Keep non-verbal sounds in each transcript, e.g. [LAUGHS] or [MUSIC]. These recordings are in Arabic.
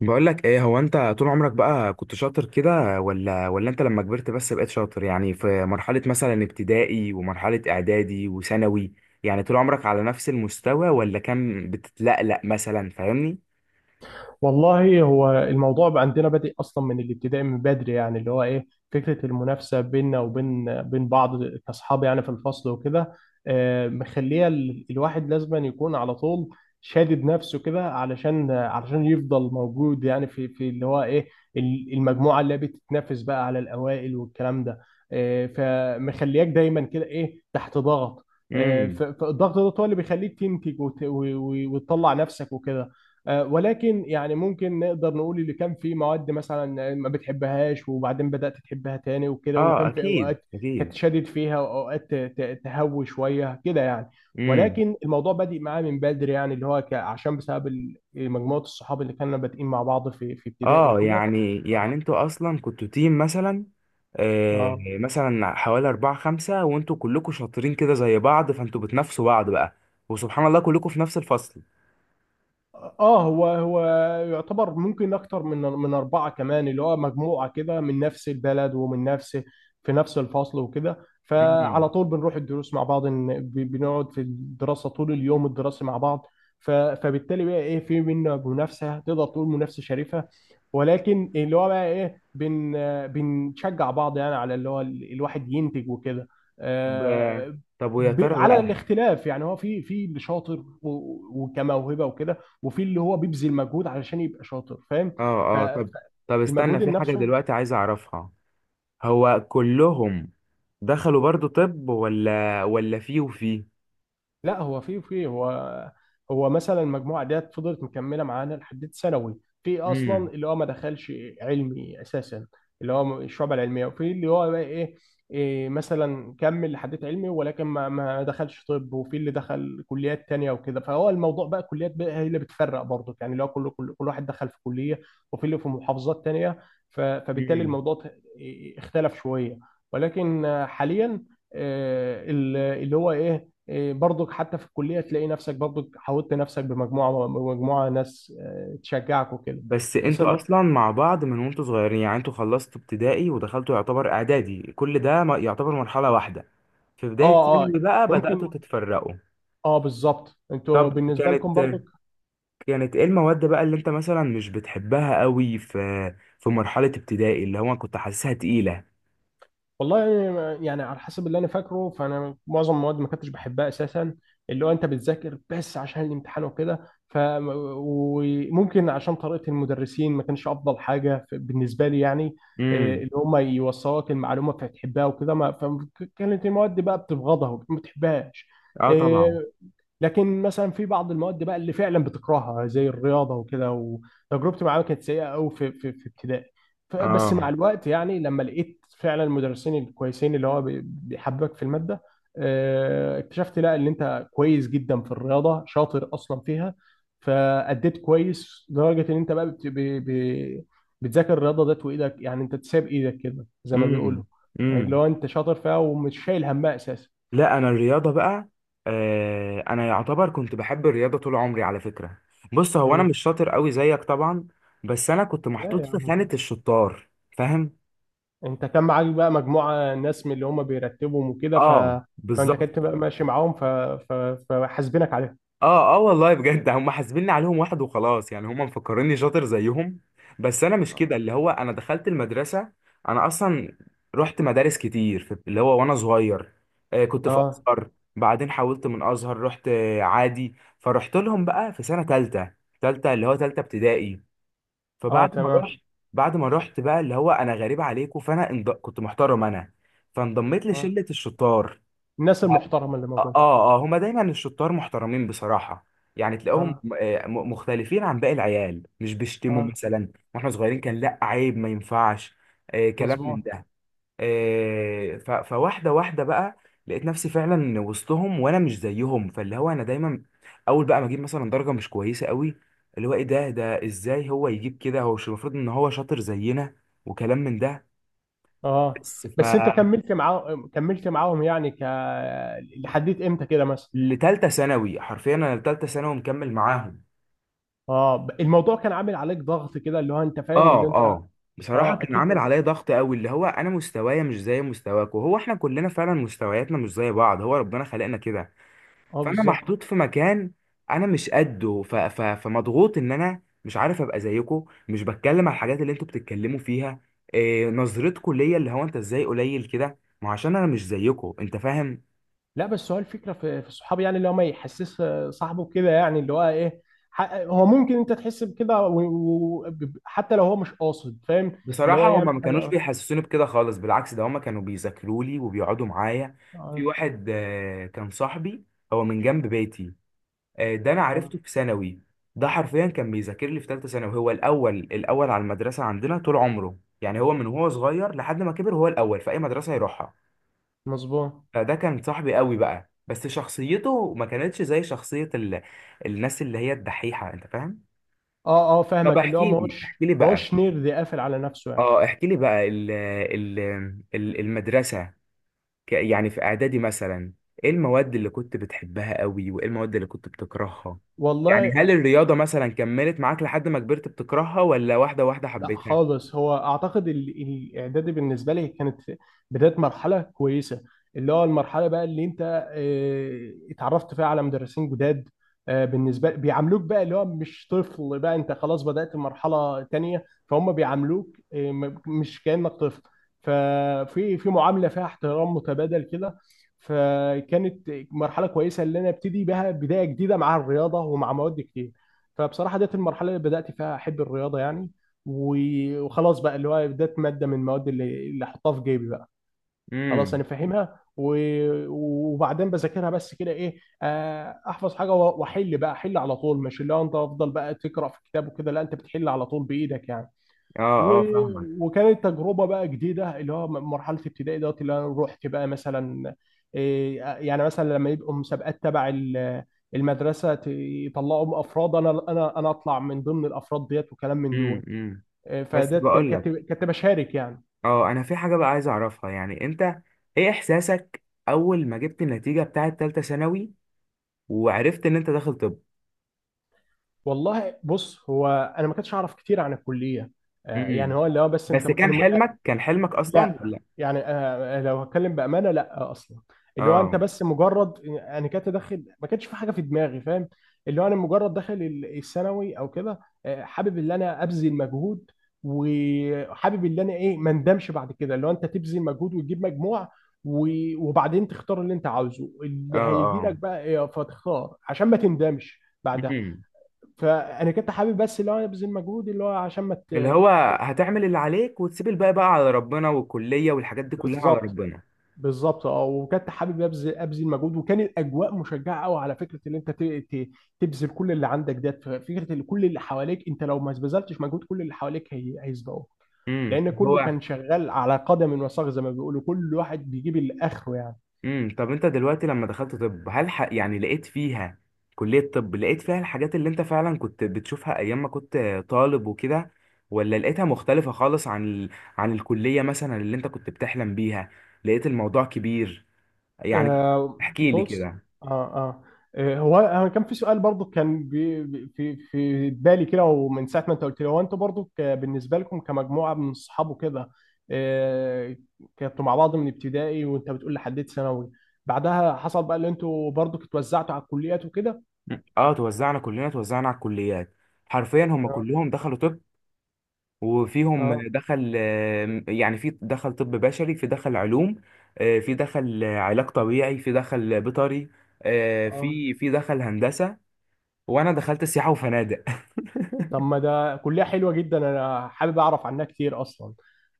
بقول لك ايه، هو انت طول عمرك بقى كنت شاطر كده ولا انت لما كبرت بس بقيت شاطر؟ يعني في مرحلة مثلا ابتدائي ومرحلة اعدادي وثانوي، يعني طول عمرك على نفس المستوى ولا كان بتتلقلق مثلا؟ فاهمني؟ والله هو الموضوع بقى عندنا بادئ اصلا من الابتدائي من بدري يعني اللي هو ايه فكره المنافسه بيننا وبين بعض كاصحاب يعني في الفصل وكده. مخليه الواحد لازما يكون على طول شادد نفسه كده علشان يفضل موجود يعني في اللي هو ايه المجموعه اللي بتتنافس بقى على الاوائل والكلام ده. فمخلياك دايما كده ايه تحت ضغط. امم فالضغط ده هو اللي بيخليك تنتج وت- و- و- وتطلع نفسك وكده. ولكن يعني ممكن نقدر نقول اللي كان في مواد مثلا ما بتحبهاش وبعدين بدأت تحبها تاني وكده، اه وكان في اكيد اوقات كانت اكيد. شادد فيها واوقات تهوي شويه كده يعني. امم ولكن الموضوع بادئ معايا من بدري يعني اللي هو عشان بسبب مجموعه الصحاب اللي كنا بادئين مع بعض في ابتدائي اه وكده. يعني انتوا اصلا كنتوا تيم مثلا؟ آه اه مثلا حوالي أربعة خمسة وانتوا كلكوا شاطرين كده زي بعض، فانتوا بتنافسوا بعض بقى. وسبحان الله كلكوا في نفس الفصل. اه، هو يعتبر ممكن اكتر من اربعه كمان، اللي هو مجموعه كده من نفس البلد ومن نفس، في نفس الفصل وكده. فعلى مم. طول بنروح الدروس مع بعض بنقعد في الدراسه طول اليوم الدراسي مع بعض. فبالتالي بقى ايه في منافسه تقدر تقول منافسه شريفه، ولكن اللي هو بقى ايه بنشجع بعض يعني على اللي هو الواحد ينتج وكده. طب، آه، ويا ترى على بقى؟ الاختلاف يعني، هو في اللي شاطر و- وكموهبه وكده، وفي اللي هو بيبذل مجهود علشان يبقى شاطر، فاهم؟ ف- اه اه، طب، استنى، فالمجهود في حاجة النفسي. دلوقتي عايز اعرفها. هو كلهم دخلوا برضو طب ولا في وفي؟ لا هو في هو مثلا المجموعه ديت فضلت مكمله معانا لحد ثانوي. في اصلا امم اللي هو ما دخلش علمي اساسا، اللي هو الشعب العلميه، وفي اللي هو بقى ايه، إيه مثلا كمل لحد علمي ولكن ما دخلش طب، وفي اللي دخل كليات تانية وكده. فهو الموضوع بقى كليات بقى هي اللي بتفرق برضه، يعني اللي هو كل واحد دخل في كليه، وفي اللي في محافظات تانية. فبالتالي امم. الموضوع ت- إيه، إيه، اختلف شويه. ولكن حاليا اللي هو ايه، إيه، برضك حتى في الكليه تلاقي نفسك برضك حاولت نفسك بمجموعه، مجموعه ناس تشجعك وكده. بس بس انتوا الم... اصلا مع بعض من وانتوا صغيرين، يعني انتوا خلصتوا ابتدائي ودخلتوا يعتبر اعدادي، كل ده يعتبر مرحلة واحدة. في بداية اه اه، ثانوي بقى بدأتوا ممكن، تتفرقوا. اه بالظبط، انتوا طب، بالنسبه لكم برضك. كانت ايه المواد بقى اللي انت مثلا مش بتحبها قوي في مرحلة ابتدائي، اللي هو كنت حاسسها تقيلة؟ والله يعني على حسب اللي انا فاكره، فانا معظم المواد ما كنتش بحبها اساسا، اللي هو انت بتذاكر بس عشان الامتحان وكده. وممكن عشان طريقه المدرسين ما كانش افضل حاجه بالنسبه لي يعني، إيه، امم. اللي هم يوصلوك المعلومه فتحبها وكده. ما فكانت المواد دي بقى بتبغضها وما بتحبهاش. اه طبعا. آه، لكن مثلا في بعض المواد بقى اللي فعلا بتكرهها زي الرياضه وكده، وتجربتي معاها كانت سيئه قوي في في ابتدائي. بس مع اه. الوقت يعني لما لقيت فعلا المدرسين الكويسين اللي هو بيحببك في الماده. اكتشفت لا ان انت كويس جدا في الرياضه، شاطر اصلا فيها. فاديت كويس لدرجه ان انت بقى بتذاكر الرياضه ديت وايدك، يعني انت تساب ايدك كده زي ما بيقولوا. امم اللي امم. هو انت شاطر فيها ومش شايل همها اساسا. لا، انا الرياضه بقى، آه، انا يعتبر كنت بحب الرياضه طول عمري على فكره. بص، هو انا مم. مش شاطر قوي زيك طبعا، بس انا كنت لا محطوط يا في خانه عم، الشطار. فاهم؟ انت كان معاك بقى مجموعة ناس من اللي هم بيرتبهم وكده، اه فانت بالظبط. كنت بقى ماشي معاهم، ف... فحاسبينك عليها. اه اه، والله بجد هم حاسبيني عليهم واحد وخلاص، يعني هم مفكريني شاطر زيهم. بس انا مش كده. اللي هو انا دخلت المدرسه، انا اصلا رحت مدارس كتير في اللي هو وانا صغير. آه كنت في اه ازهر، بعدين حولت من ازهر، رحت عادي، فرحت لهم بقى في سنه تالته، تالته اللي هو تالته ابتدائي. اه، فبعد ما تمام، رحت بعد ما رحت بقى اللي هو انا غريب عليكم، فانا كنت محترم انا، فانضميت اه لشله الشطار. الناس المحترمة اللي اه موجودة. اه، هما دايما الشطار محترمين بصراحة. يعني تلاقيهم، اه مختلفين عن باقي العيال، مش بيشتموا اه، مثلا. واحنا صغيرين كان لا عيب، ما ينفعش آه كلام من مظبوط. ده. فواحدة واحدة بقى لقيت نفسي فعلا وسطهم وانا مش زيهم، فاللي هو انا دايما اول بقى ما اجيب مثلا درجة مش كويسة قوي، اللي هو ايه ده، ازاي هو يجيب كده؟ هو مش المفروض ان هو شاطر زينا؟ وكلام من ده. اه بس ف بس انت كملت معاهم، كملت معاهم يعني، لحديت امتى كده مثلا؟ لتالتة ثانوي حرفيا، انا لتالتة ثانوي مكمل معاهم. اه، الموضوع كان عامل عليك ضغط كده، اللي هو انت فاهم اللي اه انت، اه، بصراحة اه كان عامل اكيد، عليا ضغط قوي، اللي هو انا مستوايا مش زي مستواك، وهو احنا كلنا فعلا مستوياتنا مش زي بعض، هو ربنا خلقنا كده. اه فانا بالظبط. محطوط في مكان انا مش قده، فمضغوط ان انا مش عارف ابقى زيكو، مش بتكلم على الحاجات اللي انتوا بتتكلموا فيها. إيه نظرتكوا ليا، اللي هو انت ازاي قليل كده؟ ما هو عشان انا مش زيكو، انت فاهم؟ لا بس هو الفكره في في الصحاب يعني، اللي هو ما يحسس صاحبه كده، يعني اللي هو ايه، هو ممكن انت تحس بكده، حتى لو هو مش قاصد، فاهم؟ اللي هو بصراحة يعمل هما ما حاجه. كانوش اه بيحسسوني بكده خالص، بالعكس ده هما كانوا بيذاكروا لي وبيقعدوا معايا. في اه، واحد آه كان صاحبي، هو من جنب بيتي، آه، ده انا آه، عرفته في ثانوي. ده حرفيا كان بيذاكر لي في ثالثه ثانوي، هو الاول على المدرسه عندنا طول عمره، يعني هو من وهو صغير لحد ما كبر هو الاول في اي مدرسه يروحها. مظبوط. فده كان صاحبي قوي بقى، بس شخصيته ما كانتش زي الناس اللي هي الدحيحه، انت فاهم؟ اه اه، طب فاهمك، اللي هو احكي ما لي، هوش احكي لي ما بقى هوش نير قافل على نفسه يعني. اه احكي لي بقى المدرسه، يعني في اعدادي مثلا، ايه المواد اللي كنت بتحبها قوي وايه المواد اللي كنت بتكرهها؟ يعني والله هل الرياضة مثلا كملت معاك لحد ما كبرت بتكرهها ولا واحدة واحدة لا حبيتها؟ خالص، هو اعتقد الاعدادي بالنسبه لي كانت بدايه مرحله كويسه، اللي هو المرحله بقى اللي انت اتعرفت فيها على مدرسين جداد. بالنسبه بيعاملوك بقى اللي هو مش طفل بقى، انت خلاص بدات مرحله تانية، فهم بيعاملوك مش كانك طفل. ففي في معامله فيها احترام متبادل كده. فكانت مرحله كويسه اللي انا ابتدي بها بدايه جديده مع الرياضه ومع مواد كتير. فبصراحه ديت المرحله اللي بدات فيها احب الرياضه يعني، و- وخلاص بقى، اللي هو ده ماده من المواد اللي احطها في جيبي بقى. خلاص انا امم. فاهمها، و- وبعدين بذاكرها بس كده ايه، احفظ حاجه و- واحل بقى، احل على طول، مش اللي هو انت افضل بقى تقرا في كتاب وكده، لا انت بتحل على طول بايدك يعني. اه اه فاهمك. و- وكانت تجربه بقى جديده، اللي هو مرحله ابتدائي دوت اللي انا رحت بقى مثلا، إيه، يعني مثلا لما يبقوا مسابقات تبع المدرسه، يطلعوا افراد، انا اطلع من ضمن الافراد ديت وكلام من دول. امم. آه، بس فده ك- بقول كنت لك، كنت بشارك يعني. اه انا في حاجة بقى عايز اعرفها، يعني انت ايه احساسك اول ما جبت النتيجة بتاعه تالتة ثانوي وعرفت ان انت داخل طب؟ والله بص، هو انا ما كنتش اعرف كتير عن الكليه، يعني امم. هو اللي هو بس انت بس كان انا، حلمك، كان حلمك اصلا لا ولا؟ يعني، لو هتكلم بامانه، لا، اصلا اللي هو اه انت بس مجرد انا كنت داخل، ما كانش في حاجه في دماغي فاهم. اللي هو انا مجرد داخل الثانوي او كده، حابب ان انا ابذل مجهود، وحابب ان انا ايه ما اندمش بعد كده، اللي هو انت تبذل مجهود وتجيب مجموع، و- وبعدين تختار اللي انت عاوزه، اللي هيجي اه لك بقى فتختار عشان ما تندمش بعدها. اه، فانا كنت حابب بس اللي هو أنا ابذل مجهود اللي هو عشان ما اللي ت... هو هتعمل اللي عليك وتسيب الباقي بقى على ربنا، والكلية والحاجات دي كلها على بالظبط ربنا. بالظبط. اه، وكنت حابب ابذل، ابذل مجهود، وكان الاجواء مشجعه قوي على فكره ان انت تبذل كل اللي عندك ده، فكره ان كل اللي حواليك، انت لو ما بذلتش مجهود، كل اللي حواليك هي هيسبقوك، امم. لان كله هو، كان شغال على قدم وساق زي ما بيقولوا، كل واحد بيجيب اللي اخره يعني. امم، طب انت دلوقتي لما دخلت طب، هل يعني لقيت فيها، كلية طب، لقيت فيها الحاجات اللي انت فعلا كنت بتشوفها ايام ما كنت طالب وكده، ولا لقيتها مختلفة خالص عن عن الكلية مثلا اللي انت كنت بتحلم بيها؟ لقيت الموضوع كبير، يعني احكي لي بص، كده. آه, آه هو انا كان في سؤال برضو كان في بالي كده، ومن ساعه ما انت قلت لي هو انتوا برضو بالنسبه لكم كمجموعه من الصحاب وكده. آه كنتوا مع بعض من ابتدائي وانت بتقول لحد ثانوي، بعدها حصل بقى اللي انتوا برضو اتوزعتوا على الكليات وكده. اه توزعنا كلنا، توزعنا على الكليات، حرفيا هم كلهم دخلوا طب وفيهم اه دخل، يعني في دخل طب بشري، في دخل علوم، في دخل علاج طبيعي، في دخل بيطري، اه، في دخل هندسة، وانا دخلت سياحة وفنادق. طب ما ده كلية حلوة جدا، انا حابب اعرف عنها كتير اصلا.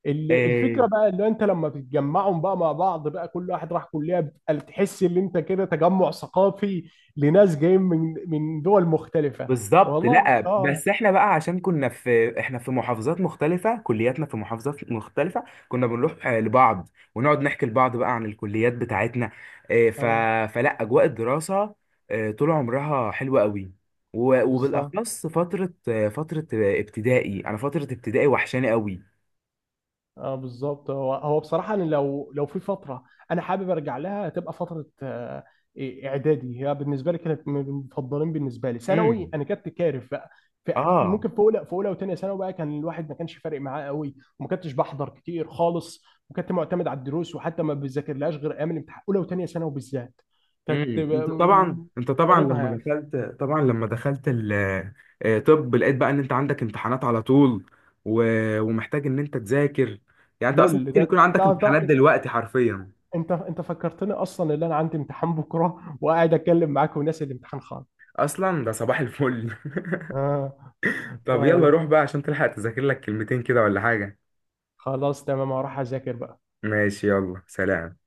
الفكرة [LAUGHS] بقى اللي انت لما بتجمعهم بقى مع بعض، بقى كل واحد راح كلية، بتبقى تحس ان انت كده تجمع ثقافي لناس جايين من دول مختلفة. بالظبط، والله لا اه بس احنا بقى عشان كنا في في محافظات مختلفة، كلياتنا في محافظات مختلفة. كنا بنروح آه لبعض، ونقعد نحكي لبعض بقى عن الكليات بتاعتنا، آه، ف... اه فلا، اجواء الدراسة آه طول عمرها حلوة قوي، بالظبط، وبالاخص فترة فترة ابتدائي، انا فترة ابتدائي وحشاني قوي. اه بالظبط، هو بصراحه انا لو في فتره انا حابب ارجع لها هتبقى فتره إيه، اعدادي، هي بالنسبه لي كانت من المفضلين. بالنسبه لي ثانوي امم. انا كنت كارف بقى، في اه. ممكن في اولى وثانيه ثانوي بقى كان الواحد ما كانش فارق معاه قوي، وما كنتش بحضر كتير خالص، وكنت معتمد على الدروس، وحتى ما بذاكرلهاش غير ايام الامتحان، اولى وثانيه ثانوي بالذات كانت امم، انت طبعا، انت طبعا ضاربها لما يعني. دخلت طبعا لما دخلت ال آه، طب، لقيت بقى ان انت عندك امتحانات على طول و... ومحتاج ان انت تذاكر؟ يعني انت اصلا لول، ممكن ده يكون انت عندك امتحانات انت دلوقتي حرفيا. انت انت فكرتني اصلا ان انا عندي امتحان بكره وقاعد اتكلم معاك وناسي الامتحان خالص. اصلا ده صباح الفل. آه. [LAUGHS] طب يلا طيب روح بقى عشان تلحق تذاكر لك كلمتين كده ولا حاجة. خلاص تمام، هروح اذاكر بقى. ماشي، يلا، سلام.